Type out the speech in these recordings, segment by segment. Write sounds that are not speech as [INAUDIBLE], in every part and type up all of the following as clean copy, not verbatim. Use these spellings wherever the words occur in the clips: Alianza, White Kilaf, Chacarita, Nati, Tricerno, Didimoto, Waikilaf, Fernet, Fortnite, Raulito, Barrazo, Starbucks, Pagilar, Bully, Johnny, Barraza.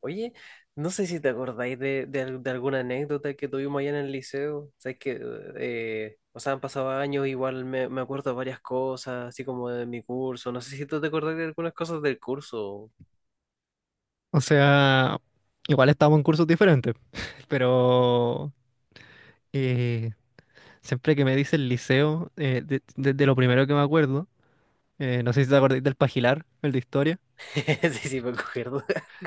Oye, no sé si te acordáis de alguna anécdota que tuvimos allá en el liceo. Sabes que, o sea, han pasado años, igual me acuerdo de varias cosas, así como de mi curso. No sé si tú te acordás de algunas cosas del curso. O sea, igual estábamos en cursos diferentes, [LAUGHS] pero eh, siempre que me dice el liceo, desde lo primero que me acuerdo, no sé si te acordás del Pagilar, el de historia. [LAUGHS] Sí, sí, me acuerdo.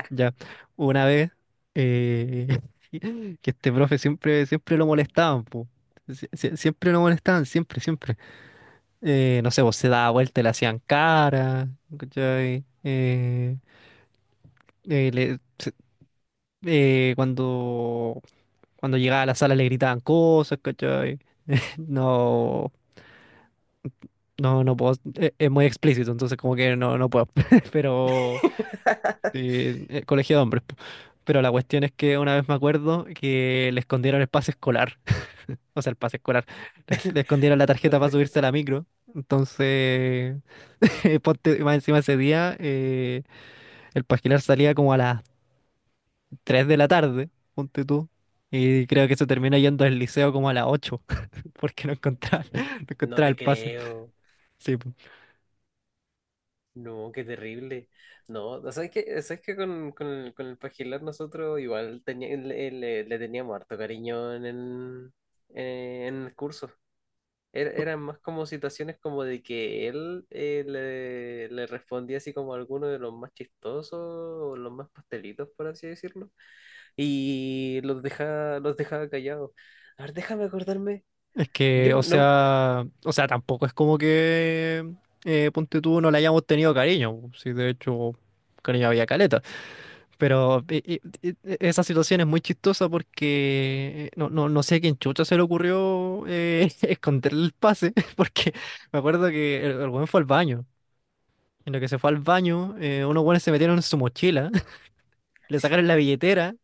Ya, una vez eh, [LAUGHS] que este profe siempre, siempre lo molestaban, po. Siempre lo molestaban, siempre, siempre. No sé, vos se daba vuelta y le hacían cara, ¿cachai? Eh, le- se- eh, cuando Cuando llegaba a la sala le gritaban cosas, ¿cachai? [LAUGHS] No, no, no puedo, es muy explícito, entonces como que no, no puedo, [LAUGHS] pero sí. Colegio de hombres, po. Pero la cuestión es que una vez me acuerdo que le escondieron el pase escolar, [LAUGHS] o sea, el pase escolar. Le [LAUGHS] escondieron la La tarjeta para subirse tarjeta. a la micro. Entonces, [LAUGHS] ponte, más encima ese día, el pasquilar salía como a las 3 de la tarde, ponte tú, y creo que se termina yendo al liceo como a las 8, porque no encontraba, [LAUGHS] no No encontraba te el pase. creo. Sí, po. No, qué terrible. No, ¿Sabes que con el Pagilar nosotros igual le teníamos harto cariño en en el curso? Eran más como situaciones como de que él le respondía así como alguno de los más chistosos o los más pastelitos, por así decirlo, y los dejaba callados. A ver, déjame acordarme. Es Yo que, o no... [LAUGHS] sea, tampoco es como que ponte tú no le hayamos tenido cariño, po. Sí, de hecho, cariño había caleta. Pero esa situación es muy chistosa porque no, no sé a quién chucha se le ocurrió [LAUGHS] esconderle el pase, [LAUGHS] porque me acuerdo que el weón fue al baño. En lo que se fue al baño, unos weones se metieron en su mochila, [LAUGHS] le sacaron la billetera,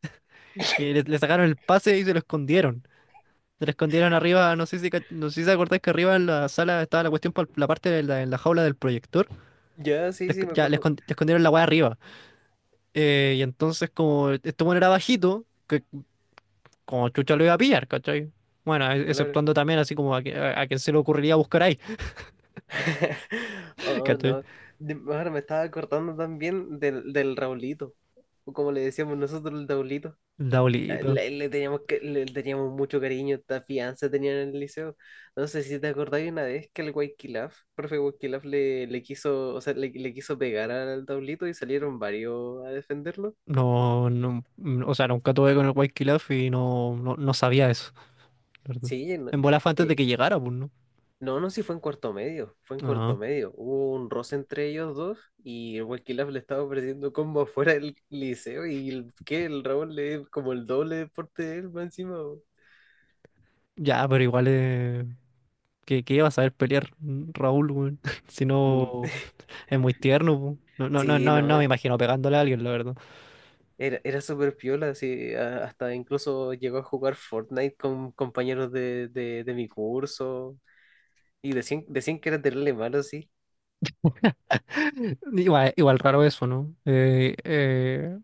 [COUGHS] le sacaron el pase y se lo escondieron. Se la escondieron arriba. No sé si te acordás que arriba en la sala estaba la cuestión por la parte de la, en la jaula del proyector. Ya, sí, sí, me Ya, acuerdo. Le escondieron la weá arriba. Y entonces, como este bueno era bajito, que como chucha lo iba a pillar, ¿cachai? Bueno, Claro. exceptuando también así como a, a quien se le ocurriría buscar ahí, [LAUGHS] [LAUGHS] Oh, ¿cachai? no. Ahora me estaba acordando también del Raulito, o como le decíamos nosotros, el Raulito. Daulito. Le teníamos le teníamos mucho cariño, esta fianza tenían en el liceo. No sé si te acordáis una vez que el Waikilaf, profe Waikilaf, le quiso, o sea, le quiso pegar al tablito y salieron varios a defenderlo. No, no, o sea, nunca tuve con el White Kilaf y no, no sabía eso, ¿la verdad? Sí, no, En bola fue antes de eh, que llegara, pues, ¿no? No, sí fue en cuarto medio, fue en Ah, cuarto medio. Hubo un roce entre ellos dos y el Waikilaf le estaba ofreciendo combo afuera del liceo y el, que el Raúl le como el doble de porte de él, más encima. Bo. ya, pero igual es. ¿Qué vas a ver pelear, Raúl, weón? [LAUGHS] Si Mm, no, [LAUGHS] es muy tierno, po. No, Sí, no me no, imagino pegándole a alguien, la verdad. era, era súper piola, sí, hasta incluso llegó a jugar Fortnite con compañeros de mi curso y decían, decían que era terrible malo, sí. [LAUGHS] Igual raro eso, ¿no?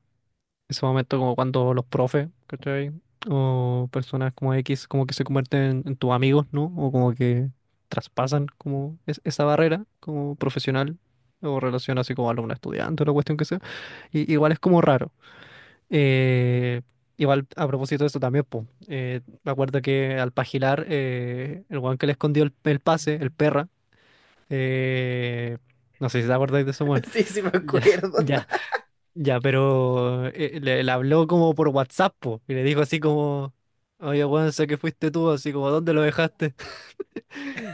Ese momento como cuando los profes, ¿cachai? O personas como X, como que se convierten en tus amigos, ¿no? O como que traspasan como esa barrera como profesional o relación así como alumno-estudiante, la cuestión que sea. Y, igual es como raro. Eh, Igual a propósito de eso también, po, me acuerdo que al pagilar, el weón que le escondió el pase, el perra, eh, no sé si te acordáis de ese weón. [LAUGHS] Sí, sí me Ya, acuerdo. [LAUGHS] ya, ya, pero le habló como por WhatsApp, po, y le dijo así como, oye weón, sé que fuiste tú, así como, ¿dónde lo dejaste? [LAUGHS]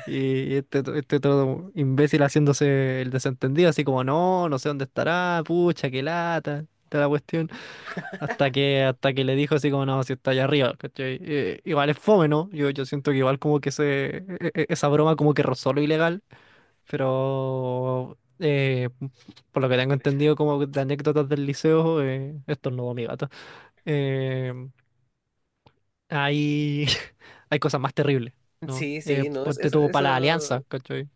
Y este todo imbécil haciéndose el desentendido, así como, no, no sé dónde estará, pucha, qué lata, toda la cuestión. Hasta que le dijo así como, no, si está allá arriba, ¿cachai? Igual es fome, ¿no? Yo siento que igual como que esa broma como que rozó lo ilegal, pero por lo que tengo entendido como de anécdotas del liceo, estornudó mi gato. eh, hay, [LAUGHS] hay cosas más terribles, ¿no? Sí, sí, no, Pues te eso, tuvo para la alianza, eso, ¿cachai?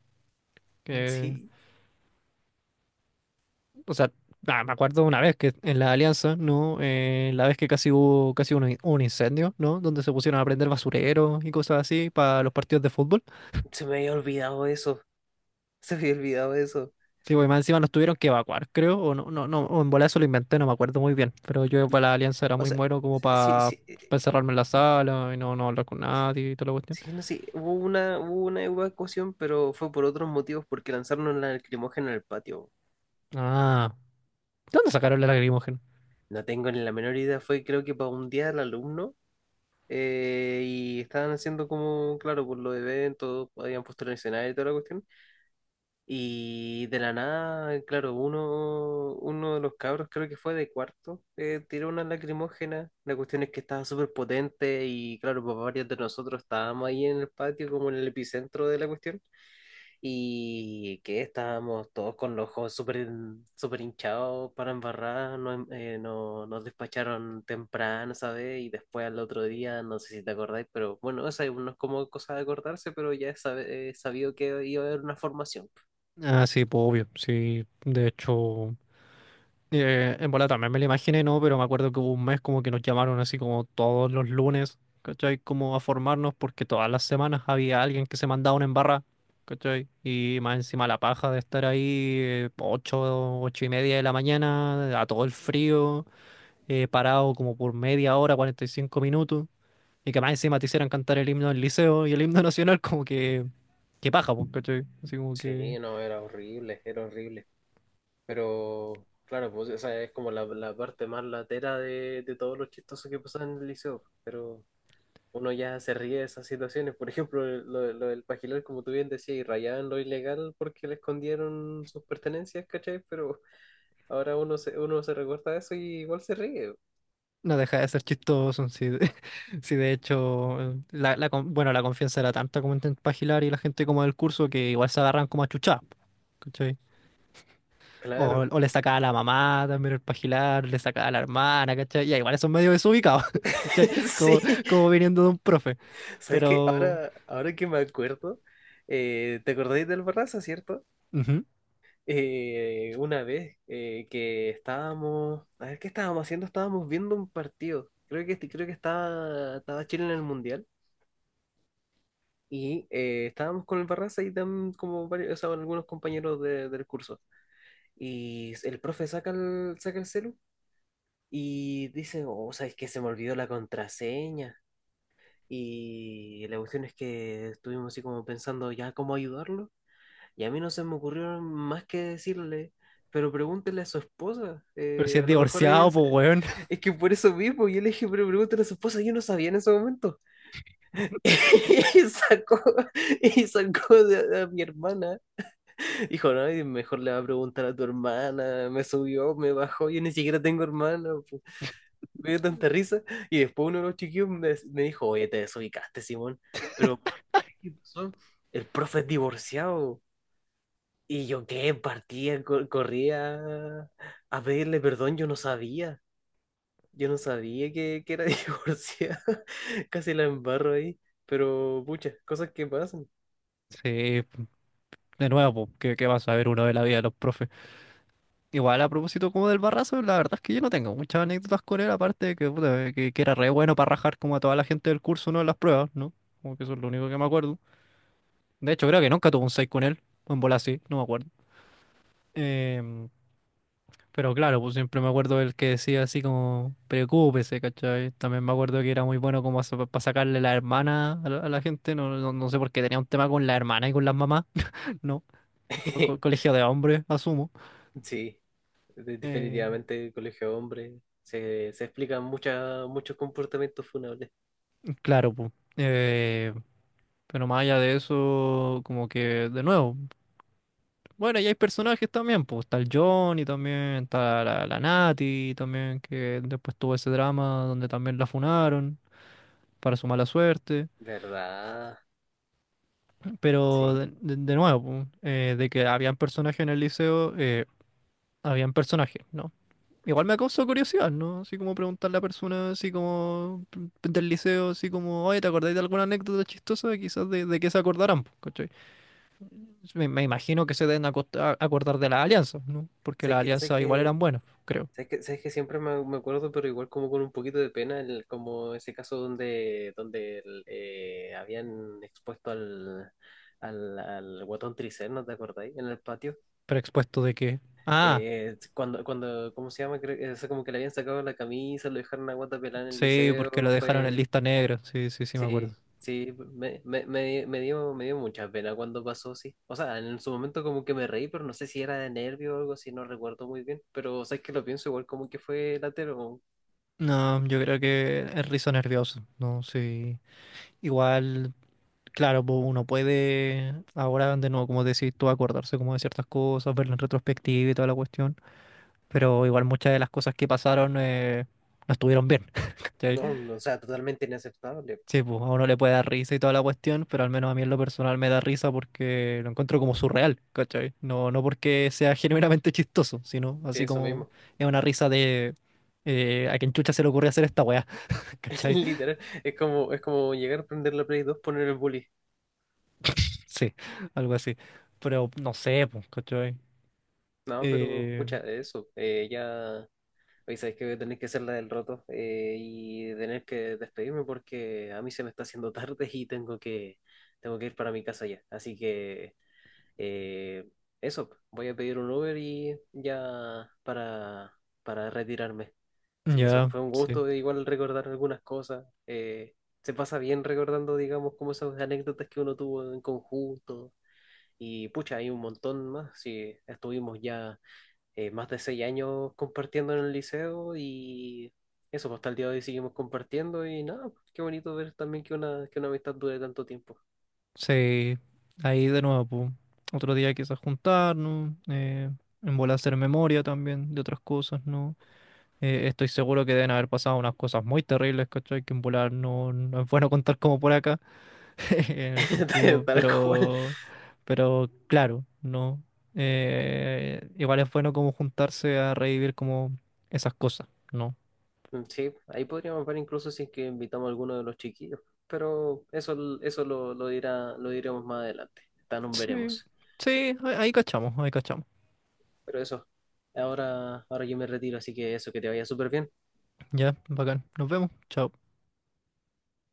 sí, O sea, ah, me acuerdo una vez que en la Alianza, ¿no? La vez que casi hubo casi un incendio, ¿no? Donde se pusieron a prender basureros y cosas así para los partidos de fútbol. se me había olvidado eso, se me había olvidado eso. Sí, güey, más encima nos tuvieron que evacuar, creo. O no, o en bola eso lo inventé, no me acuerdo muy bien. Pero yo para la Alianza era O muy sea, muero como sí, para sí, encerrarme en la sala y no hablar con nadie y toda la cuestión. sí, no, sí hubo una evacuación, pero fue por otros motivos, porque lanzaron una lacrimógena en el patio. Ah, ¿de dónde sacaron la lacrimógena? No tengo ni la menor idea, fue creo que para un día al alumno, y estaban haciendo como, claro, por los eventos, habían puesto el escenario y toda la cuestión. Y de la nada, claro, uno, uno de los cabros, creo que fue de cuarto, tiró una lacrimógena. La cuestión es que estaba súper potente y, claro, pues varios de nosotros estábamos ahí en el patio, como en el epicentro de la cuestión, y que estábamos todos con los ojos súper súper hinchados para embarrar, nos, no- nos despacharon temprano, ¿sabes? Y después al otro día, no sé si te acordáis, pero bueno, no es como cosa de acordarse, pero ya es sabido que iba a haber una formación. Ah, sí, pues obvio, sí, de hecho. En bola también me lo imaginé, ¿no? Pero me acuerdo que hubo un mes como que nos llamaron así como todos los lunes, ¿cachai? Como a formarnos porque todas las semanas había alguien que se mandaba una embarra, ¿cachai? Y más encima la paja de estar ahí 8, 8:30 de la mañana, a todo el frío, parado como por media hora, 45 minutos, y que más encima te hicieran cantar el himno del liceo y el himno [LAUGHS] nacional, como que qué paja, pues, ¿cachai? Así como que... Sí, no, era horrible, era horrible. Pero claro, pues esa es como la parte más latera de todo lo chistoso que pasaba en el liceo, pero... uno ya se ríe de esas situaciones. Por ejemplo, lo del Pajilar, como tú bien decías, y rayaban lo ilegal porque le escondieron sus pertenencias, ¿cachai? Pero ahora uno se recuerda eso y igual se ríe. No deja de ser chistoso. [LAUGHS] Si de hecho, la, bueno, la confianza era tanta como entre Pagilar y la gente como del curso que igual se agarran como a chuchar, ¿cachai? Claro. O le sacaba a la mamá también el Pagilar, le sacaba a la hermana, ¿cachai? Ya igual son medio desubicados, [LAUGHS] ¿cachai? Como, [LAUGHS] Sí. Como viniendo de un profe, ¿Sabes qué? pero... Ahora, ahora que me acuerdo, ¿te acordáis del Barraza, cierto? Ujú. Una vez que estábamos, a ver, ¿qué estábamos haciendo? Estábamos viendo un partido. Creo que estaba, estaba Chile en el Mundial. Y estábamos con el Barraza y como varios, o sea, algunos compañeros del curso. Y el profe saca saca el celu y dice, oh, ¿sabes qué? Se me olvidó la contraseña. Y la cuestión es que estuvimos así como pensando ya cómo ayudarlo. Y a mí no se me ocurrió más que decirle, pero pregúntele a su esposa. Pero si es A lo mejor ella... divorciado, pues weón. [LAUGHS] Es que por eso mismo, yo le dije, pero pregúntele a su esposa, yo no sabía en ese momento. [LAUGHS] Y sacó, y sacó a mi hermana. Hijo, no, y mejor le va a preguntar a tu hermana, me subió, me bajó, yo ni siquiera tengo hermana, pu. Me dio tanta risa. Y después uno de los chiquillos me, me dijo, oye, te desubicaste, Simón, pero ¿por ¿qué ¿Qué pasó? El profe es divorciado. Y yo qué, partía, corría a pedirle perdón, yo no sabía que era [LAUGHS] divorciada, casi la embarro ahí, pero pucha, cosas que pasan. Sí, de nuevo, pues, ¿qué vas a ver uno de la vida de los profes? Igual a propósito como del Barrazo, la verdad es que yo no tengo muchas anécdotas con él, aparte de que, puta, que era re bueno para rajar como a toda la gente del curso, ¿no? En las pruebas, ¿no? Como que eso es lo único que me acuerdo. De hecho, creo que nunca tuve un 6 con él, o en bola sí, no me acuerdo. Em, pero claro, pues siempre me acuerdo del que decía así como, preocúpese, ¿cachai? También me acuerdo que era muy bueno como para sacarle la hermana a a la gente. No, no sé por qué tenía un tema con la hermana y con las mamás, [LAUGHS] ¿no? [LAUGHS] Colegio de hombres, asumo. Sí. Eh, Definitivamente colegio de hombres. Se explican muchas, muchos comportamientos funables. claro, pues. eh, Pero más allá de eso, como que, de nuevo, bueno, y hay personajes también, pues está el Johnny también, está la Nati también, que después tuvo ese drama donde también la funaron para su mala suerte. ¿Verdad? Pero Sí. De nuevo, pues, de que habían personajes en el liceo, habían personajes, ¿no? Igual me causó curiosidad, ¿no? Así como preguntarle a personas así como del liceo, así como, oye, ¿te acordáis de alguna anécdota chistosa? Quizás de qué se acordarán, pues, ¿cachai? Me imagino que se deben acordar de las alianzas, ¿no? Porque Sé las que, sé alianzas igual que, eran buenas, creo. sé que, sé que siempre me, me acuerdo, pero igual como con un poquito de pena, como ese caso donde, donde el, habían expuesto al, al, al guatón Tricerno, ¿te acordáis? En el patio. Pero expuesto de que... Ah, Cuando, cuando, ¿cómo se llama? Creo, o sea, como que le habían sacado la camisa, lo dejaron a guata pelada en el sí, porque lo liceo, dejaron en fue... lista negra. Sí, sí, sí, me acuerdo. Sí, sí, me, me dio mucha pena cuando pasó, sí. O sea, en su momento como que me reí, pero no sé si era de nervio o algo así, no recuerdo muy bien. Pero, o sea, es que lo pienso igual como que fue latero. No, yo creo que es risa nervioso, ¿no? Sí. Igual, claro, pues uno puede ahora de nuevo, como decís tú, acordarse como de ciertas cosas, verlo en retrospectiva y toda la cuestión. Pero igual muchas de las cosas que pasaron no estuvieron bien. No, [LAUGHS] no, o sea, totalmente inaceptable. Sí, pues a uno le puede dar risa y toda la cuestión, pero al menos a mí en lo personal me da risa porque lo encuentro como surreal, ¿cachai? No, no porque sea [LAUGHS] genuinamente chistoso, sino Sí, así eso como mismo. es una risa de a quien chucha se le ocurrió hacer esta weá, [LAUGHS] [LAUGHS] ¿cachai? Literal, es como llegar a prender la Play 2, poner el bully. [LAUGHS] Sí, algo así. Pero no sé, pues, ¿cachai? No, pero, Eh, pucha, eso, ya... Oye, sabes que voy a tener que hacer la del roto, y tener que despedirme porque a mí se me está haciendo tarde y tengo que ir para mi casa ya. Así que... Eh, eso, voy a pedir un Uber y ya para retirarme. Así que eso, ya, fue un sí, gusto igual recordar algunas cosas. Se pasa bien recordando, digamos, como esas anécdotas que uno tuvo en conjunto. Y pucha, hay un montón más. Sí, estuvimos ya más de 6 años compartiendo en el liceo y eso, pues, hasta el día de hoy seguimos compartiendo y nada, pues, qué bonito ver también que una amistad dure tanto tiempo. sí. Ahí de nuevo, pues. Otro día quizás juntarnos, en bola hacer memoria también de otras cosas, ¿no? Estoy seguro que deben haber pasado unas cosas muy terribles, ¿cachai? Que en volar no es bueno [LAUGHS] contar como por acá, [LAUGHS] en el [LAUGHS] sentido, Tal cual. pero, claro, no. Igual es bueno como juntarse a revivir como esas cosas, ¿no? Mm, sí, ahí podríamos ver incluso si es que invitamos a alguno de los chiquillos, pero eso, lo dirá, lo diremos más adelante, tan Sí, veremos. sí, ahí cachamos, ahí cachamos. Pero eso, ahora, ahora yo me retiro, así que eso, que te vaya súper bien. Ya, bacán, nos vemos, chao.